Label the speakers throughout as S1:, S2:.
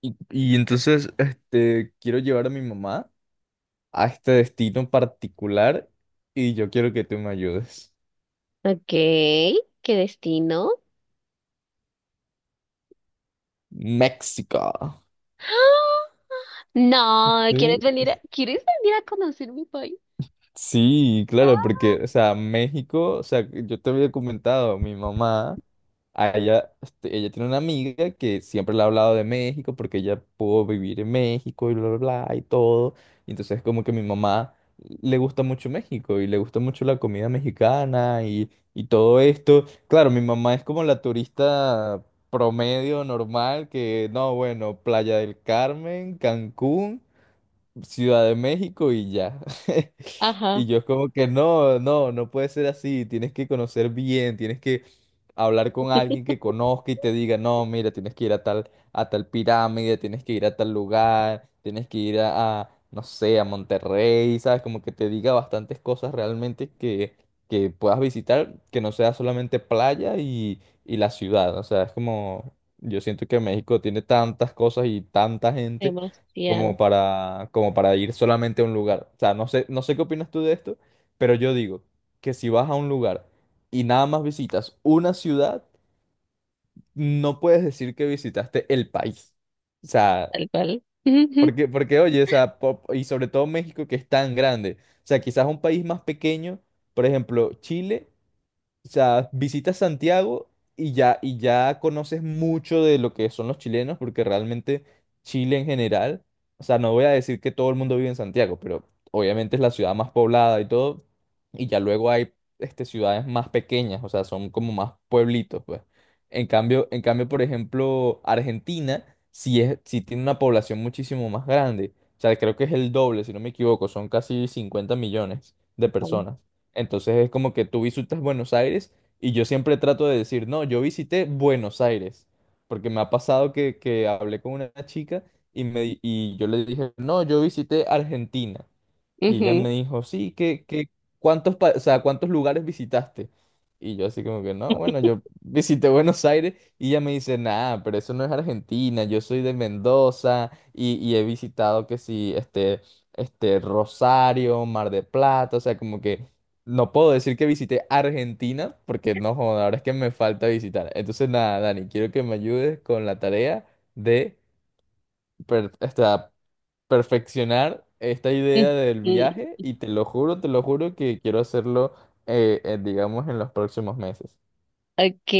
S1: Y entonces, quiero llevar a mi mamá a este destino particular y yo quiero que tú me ayudes.
S2: Ok, ¿qué destino?
S1: México.
S2: ¡Ah! No, ¿quieres venir ¿quieres venir a conocer mi país?
S1: Sí, claro,
S2: Ah.
S1: porque, o sea, México, o sea, yo te había comentado, mi mamá, a ella, ella tiene una amiga que siempre le ha hablado de México porque ella pudo vivir en México y bla, bla, bla, y todo. Y entonces, como que mi mamá le gusta mucho México y le gusta mucho la comida mexicana y todo esto. Claro, mi mamá es como la turista promedio, normal, que, no, bueno, Playa del Carmen, Cancún. Ciudad de México y ya. Y
S2: Ajá,
S1: yo como que no, no, no puede ser así, tienes que conocer bien, tienes que hablar con alguien que conozca y te diga, no, mira, tienes que ir a tal pirámide, tienes que ir a tal lugar, tienes que ir no sé, a Monterrey, ¿sabes? Como que te diga bastantes cosas realmente que puedas visitar, que no sea solamente playa y la ciudad, o sea, es como, yo siento que México tiene tantas cosas y tanta gente como
S2: demasiado,
S1: para, como para ir solamente a un lugar. O sea, no sé, no sé qué opinas tú de esto, pero yo digo que si vas a un lugar y nada más visitas una ciudad, no puedes decir que visitaste el país. O sea,
S2: tal cual. Ujú,
S1: porque, oye, o sea, y sobre todo México que es tan grande. O sea, quizás un país más pequeño, por ejemplo, Chile. O sea, visitas Santiago y ya conoces mucho de lo que son los chilenos, porque realmente Chile en general, o sea, no voy a decir que todo el mundo vive en Santiago, pero obviamente es la ciudad más poblada y todo, y ya luego hay ciudades más pequeñas, o sea, son como más pueblitos, pues. En cambio, por ejemplo, Argentina sí es, sí tiene una población muchísimo más grande. O sea, creo que es el doble, si no me equivoco, son casi 50 millones de personas. Entonces es como que tú visitas Buenos Aires y yo siempre trato de decir, no, yo visité Buenos Aires, porque me ha pasado que hablé con una chica y yo le dije, no, yo visité Argentina. Y ella me
S2: ujú,
S1: dijo, sí, qué qué ¿cuántos, o sea, cuántos lugares visitaste? Y yo así como que, no, bueno, yo visité Buenos Aires y ella me dice, nada, pero eso no es Argentina, yo soy de Mendoza y he visitado que sí, Rosario, Mar de Plata, o sea, como que no puedo decir que visité Argentina porque no, joda, ahora es que me falta visitar. Entonces, nada, Dani, quiero que me ayudes con la tarea de, perfeccionar esta
S2: ujú.
S1: idea del viaje y te lo juro que quiero hacerlo, digamos, en los próximos meses.
S2: Ok,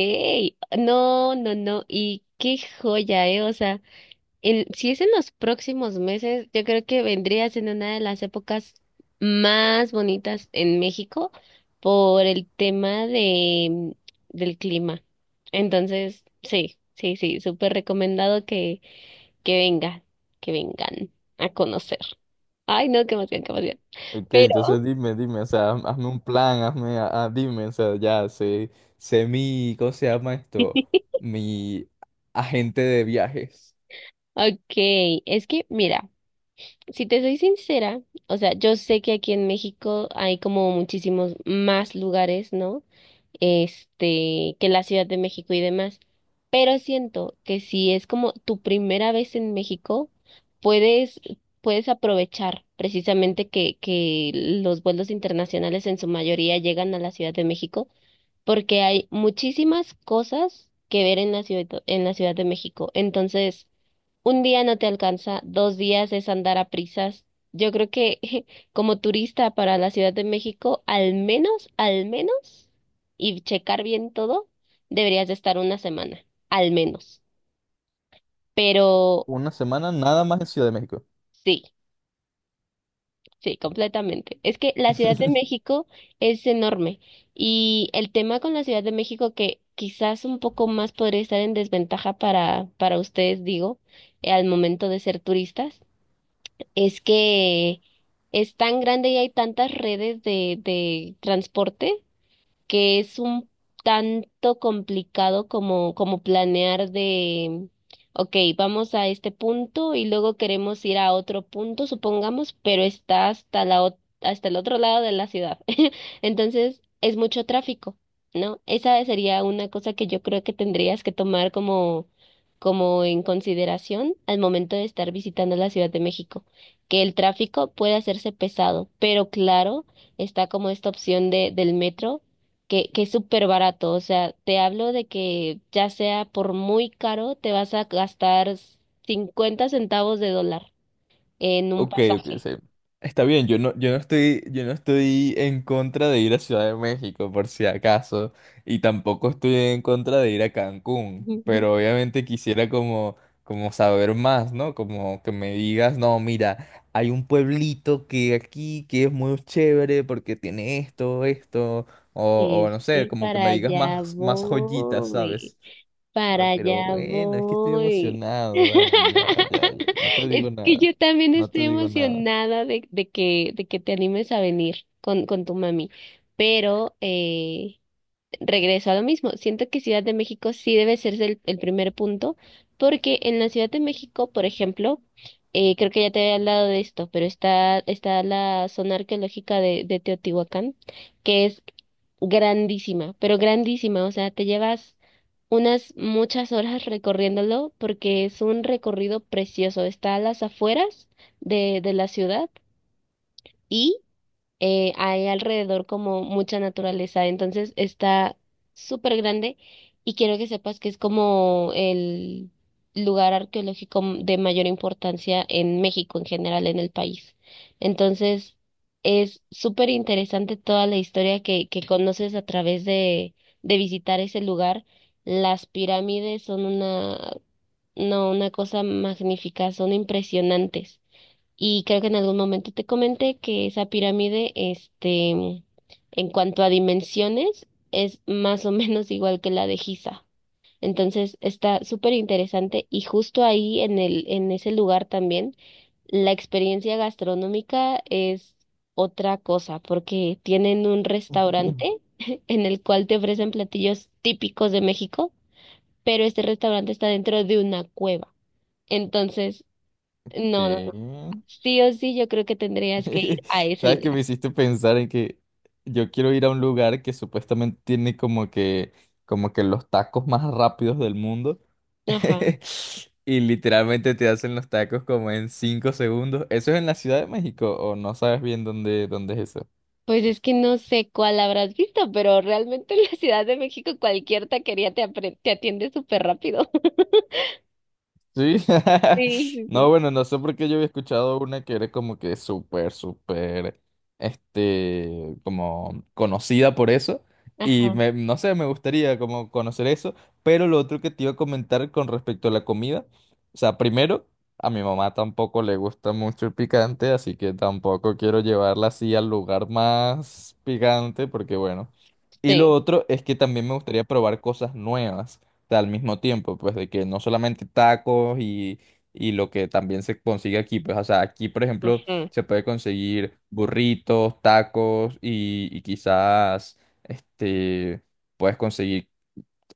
S2: no, no, no, y qué joya, o sea. Si es en los próximos meses, yo creo que vendrías en una de las épocas más bonitas en México por el tema de del clima. Entonces, sí, sí, sí, súper recomendado que vengan, que vengan a conocer. Ay, no, qué emoción, qué emoción.
S1: Ok, entonces
S2: Pero,
S1: dime, dime, o sea, hazme un plan, hazme, dime, o sea, ya sé, sé mi, ¿cómo se llama esto? Mi agente de viajes.
S2: ok, es que mira. Si te soy sincera, o sea, yo sé que aquí en México hay como muchísimos más lugares, ¿no? Este, que la Ciudad de México y demás. Pero siento que si es como tu primera vez en México, puedes, puedes aprovechar precisamente que los vuelos internacionales en su mayoría llegan a la Ciudad de México, porque hay muchísimas cosas que ver en la Ciudad de México. Entonces, un día no te alcanza, dos días es andar a prisas. Yo creo que como turista para la Ciudad de México, al menos, y checar bien todo, deberías de estar una semana, al menos. Pero
S1: ¿Una semana nada más en Ciudad de México?
S2: sí, sí, completamente. Es que la Ciudad de México es enorme y el tema con la Ciudad de México que quizás un poco más podría estar en desventaja para ustedes, digo, al momento de ser turistas es que es tan grande y hay tantas redes de transporte que es un tanto complicado como, como planear de, ok, vamos a este punto y luego queremos ir a otro punto, supongamos, pero está hasta hasta el otro lado de la ciudad. Entonces, es mucho tráfico, ¿no? Esa sería una cosa que yo creo que tendrías que tomar como, como en consideración al momento de estar visitando la Ciudad de México, que el tráfico puede hacerse pesado, pero claro, está como esta opción del metro que es súper barato. O sea, te hablo de que ya sea por muy caro, te vas a gastar 50 centavos de dólar en un
S1: Ok, ok,
S2: pasaje.
S1: sí. Está bien, yo no estoy en contra de ir a Ciudad de México, por si acaso, y tampoco estoy en contra de ir a Cancún, pero obviamente quisiera como, como saber más, ¿no? Como que me digas, no, mira, hay un pueblito que aquí, que es muy chévere porque tiene esto, esto, o
S2: Es
S1: no sé,
S2: que
S1: como que
S2: para
S1: me digas
S2: allá
S1: más, más joyitas,
S2: voy,
S1: ¿sabes? Ay,
S2: para
S1: pero
S2: allá
S1: bueno, es que estoy
S2: voy.
S1: emocionado, Dani. Ya, ya, ya. No te
S2: Es
S1: digo
S2: que
S1: nada.
S2: yo también
S1: No te
S2: estoy
S1: digo nada.
S2: emocionada de de que te animes a venir con tu mami, pero regreso a lo mismo. Siento que Ciudad de México sí debe ser el primer punto, porque en la Ciudad de México, por ejemplo, creo que ya te había hablado de esto, pero está la zona arqueológica de Teotihuacán, que es grandísima, pero grandísima, o sea, te llevas unas muchas horas recorriéndolo porque es un recorrido precioso. Está a las afueras de la ciudad hay alrededor como mucha naturaleza, entonces está súper grande y quiero que sepas que es como el lugar arqueológico de mayor importancia en México en general, en el país. Entonces, es súper interesante toda la historia que conoces a través de visitar ese lugar. Las pirámides son una, no, una cosa magnífica, son impresionantes. Y creo que en algún momento te comenté que esa pirámide, este, en cuanto a dimensiones, es más o menos igual que la de Giza. Entonces está súper interesante y justo ahí en en ese lugar también, la experiencia gastronómica es otra cosa, porque tienen un restaurante en el cual te ofrecen platillos típicos de México, pero este restaurante está dentro de una cueva. Entonces, no, no.
S1: ¿Qué?
S2: Sí o sí, yo creo que tendrías que ir a ese
S1: ¿Sabes que
S2: lugar.
S1: me hiciste pensar en que yo quiero ir a un lugar que supuestamente tiene como que los tacos más rápidos del mundo?
S2: Ajá.
S1: Y literalmente te hacen los tacos como en 5 segundos. ¿Eso es en la Ciudad de México o no sabes bien dónde, dónde es eso?
S2: Pues es que no sé cuál habrás visto, pero realmente en la Ciudad de México cualquier taquería te atiende súper rápido.
S1: Sí.
S2: Sí, sí,
S1: No,
S2: sí.
S1: bueno, no sé por qué yo había escuchado una que era como que súper, súper, como conocida por eso.
S2: Ajá.
S1: No sé, me gustaría como conocer eso. Pero lo otro que te iba a comentar con respecto a la comida. O sea, primero, a mi mamá tampoco le gusta mucho el picante, así que tampoco quiero llevarla así al lugar más picante, porque bueno. Y lo
S2: Sí.
S1: otro es que también me gustaría probar cosas nuevas al mismo tiempo, pues de que no solamente tacos y lo que también se consigue aquí, pues o sea, aquí por ejemplo
S2: Ajá.
S1: se puede conseguir burritos, tacos y quizás este, puedes conseguir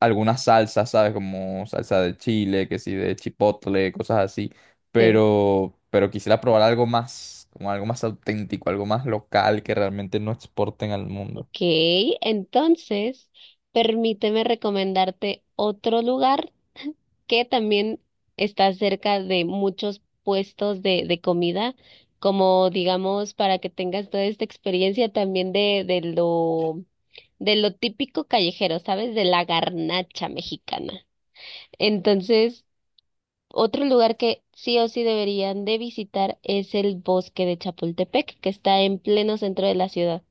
S1: algunas salsas, ¿sabes? Como salsa de chile, que sí, de chipotle, cosas así,
S2: Sí.
S1: pero quisiera probar algo más, como algo más auténtico, algo más local que realmente no exporten al mundo.
S2: Ok, entonces, permíteme recomendarte otro lugar que también está cerca de muchos puestos de comida, como digamos, para que tengas toda esta experiencia también de lo típico callejero, ¿sabes? De la garnacha mexicana. Entonces, otro lugar que sí o sí deberían de visitar es el bosque de Chapultepec, que está en pleno centro de la ciudad.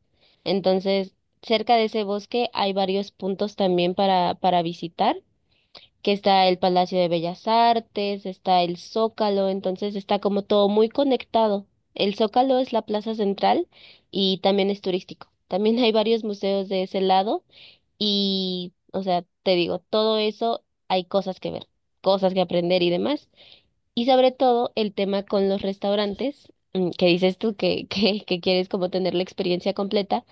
S2: Entonces, cerca de ese bosque hay varios puntos también para visitar que está el Palacio de Bellas Artes, está el Zócalo, entonces está como todo muy conectado. El Zócalo es la plaza central y también es turístico. También hay varios museos de ese lado y, o sea, te digo, todo eso hay cosas que ver, cosas que aprender y demás. Y sobre todo el tema con los restaurantes, que dices tú que quieres como tener la experiencia completa,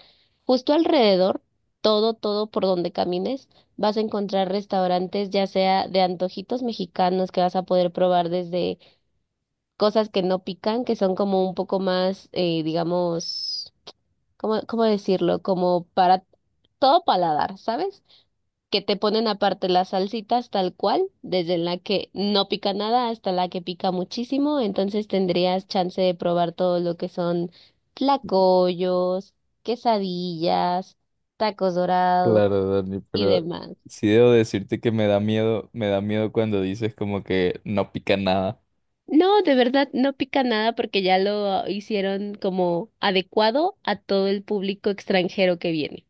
S2: justo alrededor, todo, todo por donde camines, vas a encontrar restaurantes, ya sea de antojitos mexicanos que vas a poder probar desde cosas que no pican, que son como un poco más, digamos, ¿cómo, cómo decirlo? Como para todo paladar, ¿sabes? Que te ponen aparte las salsitas tal cual, desde la que no pica nada hasta la que pica muchísimo, entonces tendrías chance de probar todo lo que son tlacoyos, quesadillas, tacos dorados
S1: Claro, Dani,
S2: y
S1: pero
S2: demás.
S1: sí debo decirte que me da miedo cuando dices como que no pica nada.
S2: No, de verdad no pica nada porque ya lo hicieron como adecuado a todo el público extranjero que viene.